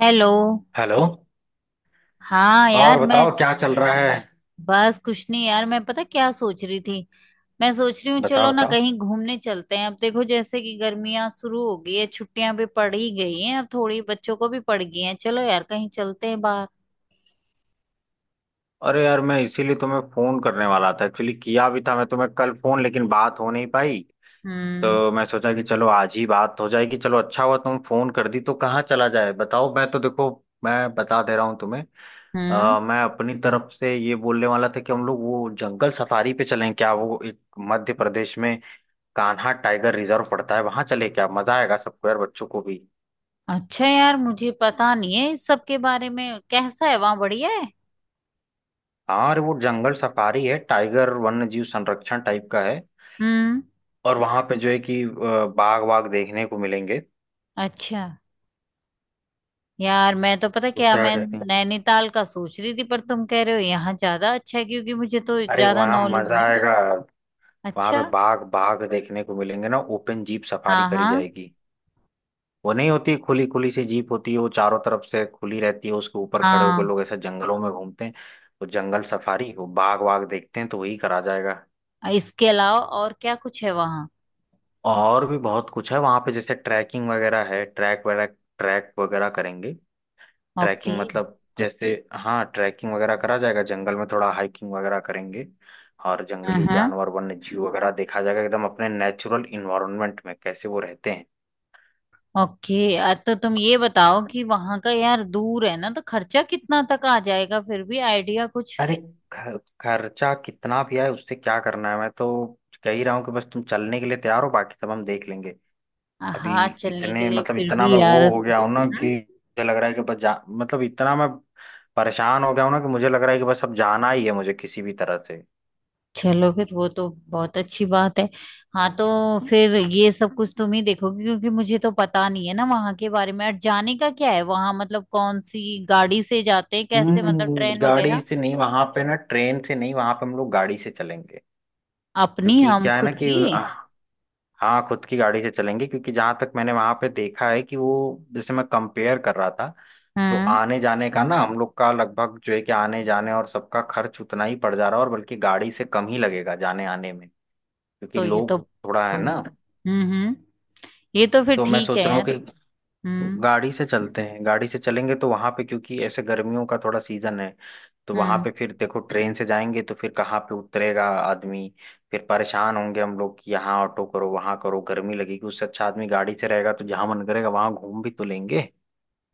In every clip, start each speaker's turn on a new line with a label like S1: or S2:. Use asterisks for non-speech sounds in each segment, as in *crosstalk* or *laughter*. S1: Hello.
S2: Hello.
S1: हाँ
S2: और
S1: यार मैं
S2: बताओ, क्या चल रहा है?
S1: बस कुछ नहीं यार, मैं पता क्या सोच रही थी। मैं सोच रही हूँ चलो
S2: बताओ
S1: ना
S2: बताओ।
S1: कहीं घूमने चलते हैं। अब देखो जैसे कि गर्मियाँ शुरू हो गई है, छुट्टियां भी पड़ ही गई हैं, अब थोड़ी बच्चों को भी पड़ गई हैं। चलो यार कहीं चलते हैं बाहर।
S2: अरे यार, मैं इसीलिए तुम्हें फोन करने वाला था। एक्चुअली किया भी था मैं तुम्हें कल फोन, लेकिन बात हो नहीं पाई।
S1: हम्म।
S2: तो मैं सोचा कि चलो आज ही बात हो जाएगी। चलो अच्छा हुआ तुम फोन कर दी। तो कहाँ चला जाए बताओ, मैं तो देखो मैं बता दे रहा हूँ तुम्हें।
S1: हम्म।
S2: मैं अपनी तरफ से ये बोलने वाला था कि हम लोग वो जंगल सफारी पे चलें क्या। वो एक मध्य प्रदेश में कान्हा टाइगर रिजर्व पड़ता है, वहां चले क्या। मजा आएगा सबको यार, बच्चों को भी।
S1: अच्छा यार मुझे पता नहीं है इस सब के बारे में, कैसा है वहाँ, बढ़िया है?
S2: हाँ, अरे वो जंगल सफारी है, टाइगर वन्य जीव संरक्षण टाइप का है।
S1: हम्म।
S2: और वहां पे जो है कि बाघ वाघ देखने को मिलेंगे।
S1: अच्छा यार, मैं तो पता
S2: तो
S1: क्या
S2: क्या
S1: मैं
S2: कहते हैं?
S1: नैनीताल का सोच रही थी, पर तुम कह रहे हो यहाँ ज्यादा अच्छा है, क्योंकि मुझे तो
S2: अरे
S1: ज्यादा
S2: वहां
S1: नॉलेज
S2: मजा
S1: नहीं।
S2: आएगा। वहां
S1: अच्छा।
S2: पे बाघ बाघ देखने को मिलेंगे ना। ओपन जीप सफारी
S1: हाँ
S2: करी
S1: हाँ।
S2: जाएगी। वो नहीं होती, खुली खुली सी जीप होती है, वो चारों तरफ से खुली रहती है। उसके ऊपर खड़े होकर
S1: हाँ।
S2: लोग ऐसे जंगलों में घूमते हैं। वो जंगल सफारी, वो बाघ वाघ देखते हैं, तो वही करा जाएगा।
S1: इसके अलावा और क्या कुछ है वहाँ?
S2: और भी बहुत कुछ है वहां पे, जैसे ट्रैकिंग वगैरह है, ट्रैक वगैरह, ट्रैक वगैरह करेंगे।
S1: ओके।
S2: ट्रैकिंग मतलब जैसे हाँ, ट्रैकिंग वगैरह करा जाएगा जंगल में, थोड़ा हाइकिंग वगैरह करेंगे। और जंगली
S1: हाँ।
S2: जानवर, वन्य जीव वगैरह देखा जाएगा, एकदम अपने नेचुरल इन्वायरमेंट में कैसे वो रहते हैं।
S1: ओके। तो तुम ये बताओ कि वहाँ का यार दूर है ना, तो खर्चा कितना तक आ जाएगा फिर भी आइडिया कुछ?
S2: अरे, खर्चा कितना भी आए उससे क्या करना है। मैं तो कह ही रहा हूँ कि बस तुम चलने के लिए तैयार हो, बाकी सब हम देख लेंगे। अभी
S1: हाँ चलने के
S2: इतने
S1: लिए,
S2: मतलब
S1: फिर
S2: इतना
S1: भी
S2: मैं
S1: यार।
S2: वो हो गया हूँ ना
S1: हम्म?
S2: कि मुझे लग रहा है कि बस जा मतलब इतना मैं परेशान हो गया हूँ ना कि मुझे लग रहा है कि बस अब जाना ही है मुझे किसी भी तरह से।
S1: चलो फिर वो तो बहुत अच्छी बात है। हाँ तो फिर ये सब कुछ तुम ही देखोगे, क्योंकि मुझे तो पता नहीं है ना वहाँ के बारे में। और जाने का क्या है वहाँ, मतलब कौन सी गाड़ी से जाते हैं, कैसे, मतलब
S2: हम्म।
S1: ट्रेन
S2: गाड़ी
S1: वगैरह?
S2: से नहीं वहां पे ना, ट्रेन से नहीं वहां पे, हम लोग गाड़ी से चलेंगे।
S1: अपनी,
S2: क्योंकि
S1: हम
S2: क्या है ना
S1: खुद
S2: कि
S1: की?
S2: हाँ, खुद की गाड़ी से चलेंगे। क्योंकि जहां तक मैंने वहां पे देखा है कि वो, जैसे मैं कंपेयर कर रहा था, तो
S1: हम्म।
S2: आने जाने का ना हम लोग का लगभग जो है कि आने जाने और सबका खर्च उतना ही पड़ जा रहा है, और बल्कि गाड़ी से कम ही लगेगा जाने आने में। क्योंकि
S1: तो ये तो
S2: लोग, थोड़ा है ना।
S1: हम्म। ये तो फिर
S2: तो मैं
S1: ठीक है
S2: सोच रहा
S1: यार।
S2: हूँ कि
S1: हम्म।
S2: गाड़ी से चलते हैं। गाड़ी से चलेंगे तो वहां पे, क्योंकि ऐसे गर्मियों का थोड़ा सीजन है, तो वहां
S1: हम्म।
S2: पे फिर देखो ट्रेन से जाएंगे तो फिर कहाँ पे उतरेगा आदमी। फिर परेशान होंगे हम लोग कि यहाँ ऑटो करो, वहां करो, गर्मी लगेगी। उससे अच्छा आदमी गाड़ी से रहेगा तो जहां मन करेगा वहां घूम भी तो लेंगे।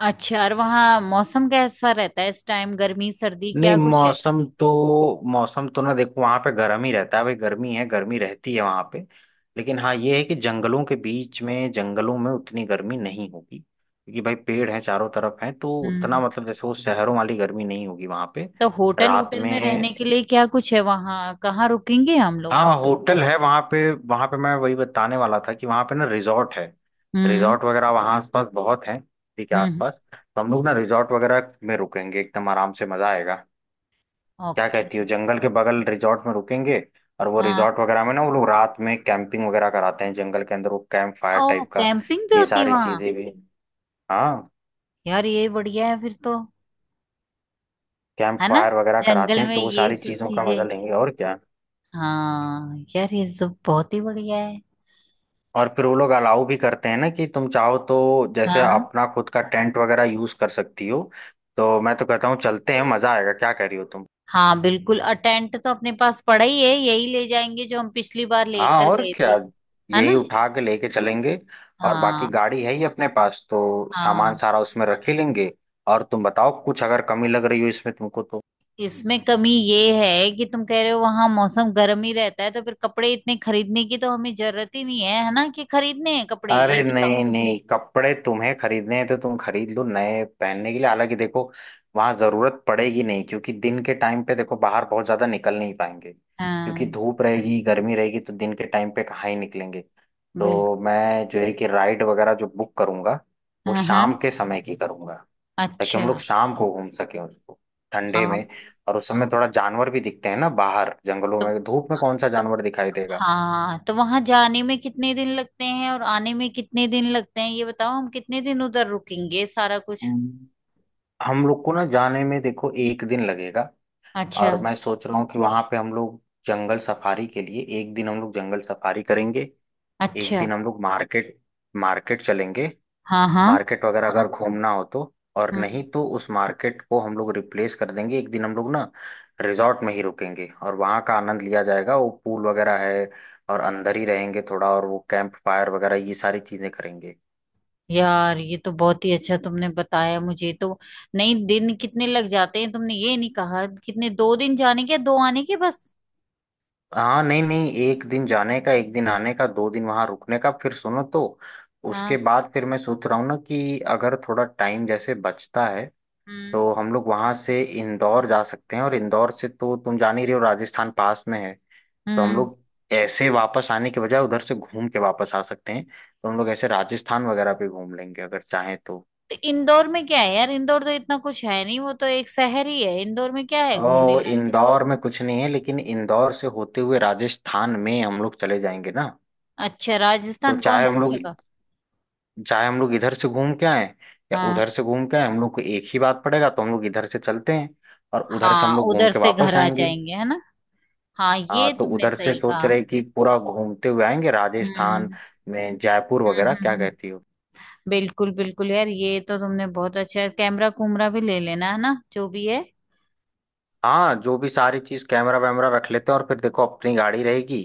S1: अच्छा और वहाँ मौसम कैसा रहता है इस टाइम, गर्मी सर्दी
S2: नहीं,
S1: क्या कुछ है?
S2: मौसम तो, मौसम तो ना देखो वहां पे गर्म ही रहता है भाई। गर्मी है, गर्मी रहती है वहां पे। लेकिन हाँ ये है कि जंगलों के बीच में, जंगलों में उतनी गर्मी नहीं होगी, क्योंकि भाई पेड़ हैं चारों तरफ हैं, तो उतना
S1: हम्म।
S2: मतलब जैसे वो शहरों वाली गर्मी नहीं होगी वहां पे।
S1: तो होटल
S2: रात
S1: होटल
S2: में,
S1: में रहने के लिए क्या कुछ है वहाँ, कहाँ रुकेंगे हम लोग?
S2: हाँ होटल है वहां पे। वहां पे मैं वही बताने वाला था कि वहां पे ना रिजॉर्ट है,
S1: हम्म।
S2: रिजॉर्ट वगैरह वहां आसपास बहुत है। ठीक है,
S1: हम्म।
S2: आसपास तो हम लोग ना रिजॉर्ट वगैरह में रुकेंगे, एकदम आराम से, मजा आएगा। क्या
S1: ओके।
S2: कहती हो, जंगल के बगल रिजॉर्ट में रुकेंगे। और वो
S1: हाँ।
S2: रिजॉर्ट वगैरह में ना वो लोग रात में कैंपिंग वगैरह कराते हैं जंगल के अंदर, वो कैंप फायर
S1: ओ,
S2: टाइप का,
S1: कैंपिंग भी
S2: ये
S1: होती है
S2: सारी
S1: वहाँ?
S2: चीजें भी। हाँ,
S1: यार ये बढ़िया है फिर तो।
S2: कैंप
S1: है ना?
S2: फायर वगैरह कराते
S1: जंगल
S2: हैं
S1: में
S2: तो वो
S1: ये
S2: सारी
S1: सब
S2: चीजों का मजा
S1: चीजें।
S2: लेंगे और क्या।
S1: हाँ यार ये तो बहुत ही बढ़िया है।
S2: और फिर वो लोग अलाउ भी करते हैं ना कि तुम चाहो तो जैसे
S1: हाँ।
S2: अपना खुद का टेंट वगैरह यूज कर सकती हो। तो मैं तो कहता हूँ चलते हैं, मजा आएगा। क्या कह रही हो तुम?
S1: हाँ बिल्कुल, और टेंट तो अपने पास पड़ा ही है, यही ले जाएंगे जो हम पिछली बार लेकर
S2: हाँ और
S1: गए थे।
S2: क्या,
S1: है
S2: यही
S1: ना?
S2: उठा के लेके चलेंगे। और बाकी
S1: हाँ।
S2: गाड़ी है ही अपने पास, तो सामान
S1: हाँ,
S2: सारा उसमें रख ही लेंगे। और तुम बताओ कुछ अगर कमी लग रही हो इसमें तुमको तो।
S1: इसमें कमी ये है कि तुम कह रहे हो वहां मौसम गर्म ही रहता है, तो फिर कपड़े इतने खरीदने की तो हमें जरूरत ही नहीं है, है ना? कि खरीदने हैं कपड़े,
S2: अरे
S1: ये बताओ।
S2: नहीं नहीं, कपड़े तुम्हें खरीदने हैं तो तुम खरीद लो नए पहनने के लिए। हालांकि देखो, वहां जरूरत पड़ेगी नहीं, क्योंकि दिन के टाइम पे देखो बाहर बहुत ज्यादा निकल नहीं पाएंगे, क्योंकि
S1: हाँ।
S2: धूप रहेगी, गर्मी रहेगी। तो दिन के टाइम पे कहाँ ही निकलेंगे। तो
S1: बिल्कुल।
S2: मैं जो है कि राइड वगैरह जो बुक करूंगा, वो
S1: हाँ हाँ।
S2: शाम के समय की करूंगा, ताकि हम
S1: अच्छा।
S2: लोग शाम को घूम सकें उसको, ठंडे में।
S1: हाँ।
S2: और उस समय थोड़ा जानवर भी दिखते हैं ना बाहर जंगलों
S1: तो
S2: में। धूप में कौन सा जानवर दिखाई देगा।
S1: हाँ, तो वहां जाने में कितने दिन लगते हैं और आने में कितने दिन लगते हैं ये बताओ, हम कितने दिन उधर रुकेंगे, सारा कुछ?
S2: हम्म। हम लोग को ना जाने में देखो एक दिन लगेगा।
S1: अच्छा।
S2: और मैं सोच रहा हूँ कि वहां पे हम लोग जंगल सफारी के लिए एक दिन, हम लोग जंगल सफारी करेंगे। एक
S1: अच्छा।
S2: दिन हम लोग मार्केट, मार्केट चलेंगे।
S1: हाँ हाँ।
S2: मार्केट वगैरह अगर घूमना हो तो, और नहीं
S1: हम्म।
S2: तो उस मार्केट को हम लोग रिप्लेस कर देंगे, एक दिन हम लोग ना रिजॉर्ट में ही रुकेंगे और वहाँ का आनंद लिया जाएगा। वो पूल वगैरह है, और अंदर ही रहेंगे थोड़ा, और वो कैंप फायर वगैरह ये सारी चीजें करेंगे।
S1: यार ये तो बहुत ही अच्छा तुमने बताया, मुझे तो नहीं। दिन कितने लग जाते हैं तुमने ये नहीं कहा, कितने, दो दिन जाने के, दो आने के, बस?
S2: हाँ नहीं नहीं, एक दिन जाने का, एक दिन आने का, दो दिन वहाँ रुकने का। फिर सुनो तो, उसके
S1: हाँ।
S2: बाद फिर मैं सोच रहा हूँ ना कि अगर थोड़ा टाइम जैसे बचता है,
S1: हम्म।
S2: तो हम लोग वहां से इंदौर जा सकते हैं, और इंदौर से तो तुम जान ही रहे हो राजस्थान पास में है। तो हम
S1: हम्म।
S2: लोग ऐसे वापस आने के बजाय उधर से घूम के वापस आ सकते हैं, तो हम लोग ऐसे राजस्थान वगैरह पे घूम लेंगे अगर चाहें तो।
S1: तो इंदौर में क्या है यार, इंदौर तो इतना कुछ है नहीं, वो तो एक शहर ही है, इंदौर में क्या है घूमने
S2: तो
S1: लायक?
S2: इंदौर में कुछ नहीं है, लेकिन इंदौर से होते हुए राजस्थान में हम लोग चले जाएंगे ना।
S1: अच्छा,
S2: तो
S1: राजस्थान कौन सी जगह?
S2: चाहे हम लोग इधर से घूम के आए, या
S1: हाँ।
S2: उधर से घूम के आए, हम लोग को एक ही बात पड़ेगा। तो हम लोग इधर से चलते हैं, और उधर से हम
S1: हाँ
S2: लोग घूम
S1: उधर
S2: के
S1: से घर
S2: वापस
S1: आ
S2: आएंगे।
S1: जाएंगे, है ना? हाँ
S2: हाँ
S1: ये
S2: तो
S1: तुमने
S2: उधर से
S1: सही
S2: सोच
S1: कहा।
S2: रहे कि पूरा घूमते हुए आएंगे राजस्थान
S1: हम्म
S2: में, जयपुर
S1: हम्म
S2: वगैरह।
S1: हम्म
S2: क्या
S1: हम्म।
S2: कहती हो?
S1: बिल्कुल बिल्कुल यार, ये तो तुमने बहुत अच्छा है, कैमरा कुमरा भी ले लेना है ना, जो भी है।
S2: हाँ जो भी सारी चीज, कैमरा वैमरा रख लेते हैं। और फिर देखो अपनी गाड़ी रहेगी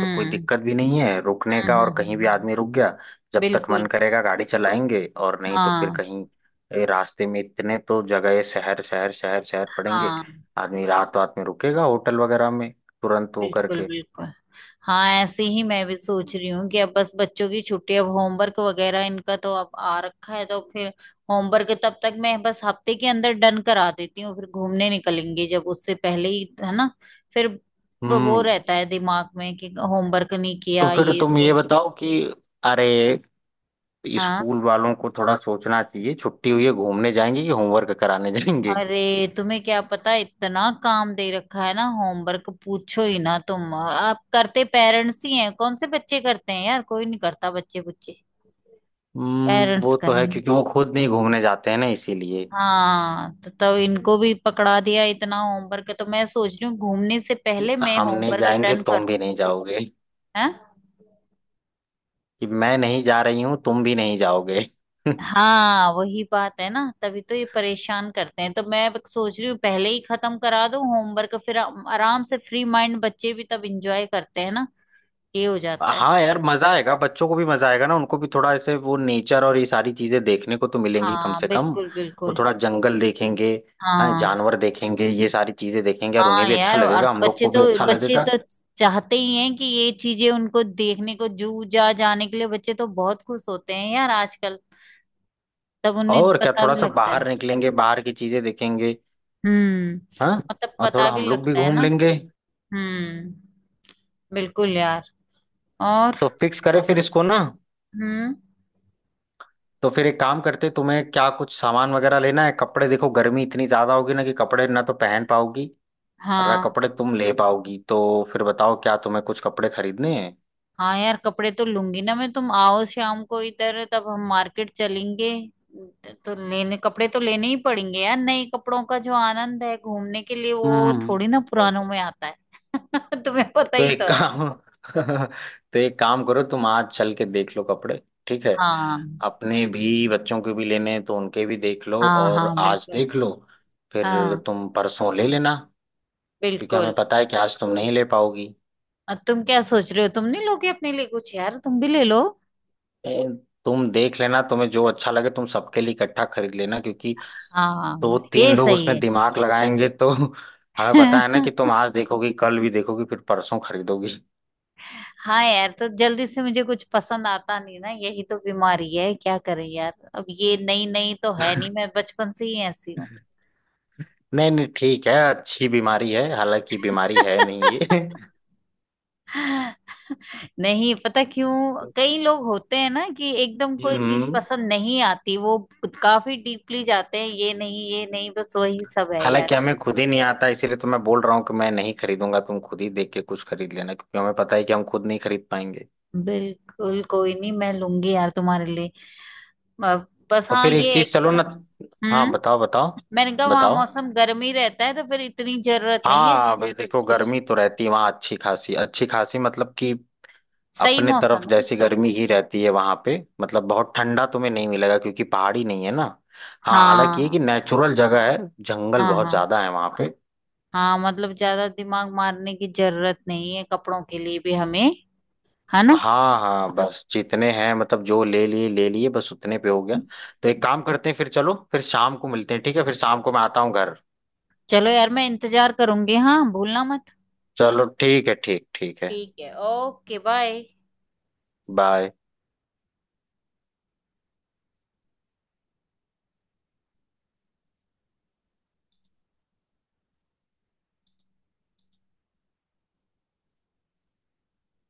S2: तो कोई दिक्कत भी नहीं है रुकने
S1: हम्म
S2: का, और
S1: हम्म हम्म,
S2: कहीं भी
S1: हम्म,
S2: आदमी रुक गया, जब तक मन
S1: बिल्कुल।
S2: करेगा गाड़ी चलाएंगे और नहीं तो फिर
S1: हाँ
S2: कहीं, रास्ते में इतने तो जगह, शहर शहर शहर शहर पड़ेंगे।
S1: हाँ।
S2: आदमी रात रात में रुकेगा होटल वगैरह में तुरंत वो
S1: बिल्कुल
S2: करके।
S1: बिल्कुल। हाँ ऐसे ही मैं भी सोच रही हूँ कि अब बस बच्चों की छुट्टी, अब होमवर्क वगैरह इनका तो अब आ रखा है, तो फिर होमवर्क तब तक मैं बस हफ्ते के अंदर डन करा देती हूँ, फिर घूमने निकलेंगे। जब उससे पहले ही, है ना, फिर वो
S2: हम्म।
S1: रहता है दिमाग में कि होमवर्क नहीं
S2: तो
S1: किया
S2: फिर
S1: ये
S2: तुम ये
S1: सो।
S2: बताओ कि, अरे
S1: हाँ।
S2: स्कूल वालों को थोड़ा सोचना चाहिए, छुट्टी हुई है घूमने जाएंगे कि होमवर्क कराने जाएंगे।
S1: अरे तुम्हें क्या पता, इतना काम दे रखा है ना होमवर्क, पूछो ही ना। तुम आप करते पेरेंट्स ही हैं, कौन से बच्चे करते हैं यार, कोई नहीं करता बच्चे बच्चे,
S2: हम्म,
S1: पेरेंट्स
S2: वो तो है
S1: करेंगे।
S2: क्योंकि वो खुद नहीं घूमने जाते हैं ना, इसीलिए
S1: हाँ तो तब इनको भी पकड़ा दिया इतना होमवर्क, तो मैं सोच रही हूँ घूमने से
S2: कि
S1: पहले मैं
S2: हम नहीं
S1: होमवर्क
S2: जाएंगे
S1: डन कर
S2: तुम
S1: दूं।
S2: भी नहीं जाओगे,
S1: हैं?
S2: कि मैं नहीं जा रही हूँ तुम भी नहीं जाओगे। *laughs*
S1: हाँ वही बात है ना, तभी तो ये परेशान करते हैं, तो मैं सोच रही हूँ पहले ही खत्म करा दूं होमवर्क, फिर आराम से फ्री माइंड, बच्चे भी तब एंजॉय करते हैं ना, ये हो जाता है।
S2: हाँ यार, मजा आएगा, बच्चों को भी मजा आएगा ना। उनको भी थोड़ा ऐसे वो नेचर और ये सारी चीजें देखने को तो मिलेंगी कम
S1: हाँ
S2: से कम।
S1: बिल्कुल
S2: वो
S1: बिल्कुल।
S2: थोड़ा जंगल देखेंगे, हाँ
S1: हाँ
S2: जानवर देखेंगे, ये सारी चीजें देखेंगे, और उन्हें
S1: हाँ
S2: भी अच्छा
S1: यार, और
S2: लगेगा, हम लोग
S1: बच्चे
S2: को
S1: तो,
S2: भी अच्छा
S1: बच्चे
S2: लगेगा।
S1: तो चाहते ही हैं कि ये चीजें उनको देखने को, जू जा जाने के लिए बच्चे तो बहुत खुश होते हैं यार आजकल, तब उन्हें
S2: और क्या,
S1: पता
S2: थोड़ा
S1: भी
S2: सा
S1: लगता
S2: बाहर
S1: है।
S2: निकलेंगे, बाहर की चीजें देखेंगे।
S1: हम्म,
S2: हाँ,
S1: मतलब
S2: और थोड़ा
S1: पता भी
S2: हम लोग भी
S1: लगता है
S2: घूम
S1: ना।
S2: लेंगे।
S1: हम्म। बिल्कुल यार। और।
S2: तो फिक्स करें फिर इसको ना।
S1: हम्म।
S2: तो फिर एक काम करते, तुम्हें क्या कुछ सामान वगैरह लेना है? कपड़े देखो, गर्मी इतनी ज्यादा होगी ना कि कपड़े ना तो पहन पाओगी और ना
S1: हाँ,
S2: कपड़े तुम ले पाओगी। तो फिर बताओ क्या तुम्हें कुछ कपड़े खरीदने हैं?
S1: हाँ यार कपड़े तो लूंगी ना मैं, तुम आओ शाम को इधर तब हम मार्केट चलेंगे। तो लेने, कपड़े तो लेने ही पड़ेंगे यार, नए कपड़ों का जो आनंद है घूमने के लिए वो
S2: हम्म।
S1: थोड़ी ना
S2: तो
S1: पुरानों में आता है, *laughs* तुम्हें पता ही
S2: एक
S1: तो है।
S2: काम *laughs* तो एक काम करो, तुम आज चल के देख लो कपड़े, ठीक है।
S1: हाँ।
S2: अपने भी, बच्चों के भी लेने हैं तो उनके भी देख लो,
S1: हाँ।
S2: और
S1: हाँ
S2: आज
S1: बिल्कुल।
S2: देख लो, फिर
S1: हाँ
S2: तुम परसों ले लेना। क्योंकि हमें
S1: बिल्कुल,
S2: पता है कि आज तुम नहीं ले पाओगी।
S1: और तुम क्या सोच रहे हो, तुम नहीं लोगे अपने लिए कुछ, यार तुम भी ले लो।
S2: ए, तुम देख लेना, तुम्हें जो अच्छा लगे तुम सबके लिए इकट्ठा खरीद लेना। क्योंकि तो वो
S1: हाँ
S2: तीन
S1: ये
S2: लोग उसमें
S1: सही
S2: दिमाग लगाएंगे तो। *laughs* हमें पता
S1: है।
S2: है ना कि
S1: *laughs*
S2: तुम आज देखोगी, कल भी देखोगी, फिर परसों खरीदोगी।
S1: हाँ यार तो जल्दी से मुझे कुछ पसंद आता नहीं ना, यही तो बीमारी है, क्या करें यार, अब ये नई नई तो है नहीं, मैं बचपन से ही ऐसी हूँ।
S2: नहीं नहीं ठीक है, अच्छी बीमारी है, हालांकि बीमारी है नहीं
S1: *laughs*
S2: ये। *laughs*
S1: नहीं पता क्यों, कई लोग होते हैं ना कि एकदम कोई चीज
S2: हम्म,
S1: पसंद नहीं आती, वो काफी डीपली जाते हैं, ये नहीं ये नहीं, बस वही सब है यार।
S2: हालांकि हमें खुद ही नहीं आता, इसीलिए तो मैं बोल रहा हूँ कि मैं नहीं खरीदूंगा, तुम खुद ही देख के कुछ खरीद लेना, क्योंकि हमें पता है कि हम खुद नहीं खरीद पाएंगे।
S1: बिल्कुल, कोई नहीं मैं लूंगी यार तुम्हारे लिए। अ, बस
S2: तो
S1: हाँ
S2: फिर एक
S1: ये है
S2: चीज
S1: कि,
S2: चलो ना। हाँ
S1: हम्म,
S2: बताओ बताओ,
S1: मैंने कहा वहां
S2: बताओ।
S1: मौसम गर्म ही रहता है तो फिर इतनी जरूरत नहीं है
S2: हाँ भाई देखो,
S1: कुछ,
S2: गर्मी तो रहती है वहाँ अच्छी खासी, अच्छी खासी मतलब कि
S1: सही
S2: अपने तरफ
S1: मौसम है।
S2: जैसी गर्मी ही रहती है वहाँ पे। मतलब बहुत ठंडा तुम्हें नहीं मिलेगा क्योंकि पहाड़ी नहीं है ना। हाँ हालांकि ये
S1: हाँ।
S2: कि नेचुरल जगह है, जंगल
S1: हाँ।
S2: बहुत
S1: हाँ
S2: ज्यादा है वहाँ पे।
S1: हाँ मतलब ज्यादा दिमाग मारने की जरूरत नहीं है कपड़ों के लिए भी हमें, है ना?
S2: हाँ हाँ, बस जितने हैं, मतलब जो ले लिए ले लिए, बस उतने पे हो गया। तो एक काम करते हैं, फिर चलो, फिर शाम को मिलते हैं, ठीक है, फिर शाम को मैं आता हूँ घर।
S1: चलो यार मैं इंतजार करूंगी, हाँ भूलना मत।
S2: चलो ठीक है, ठीक ठीक है।
S1: ठीक है, ओके, बाय।
S2: बाय।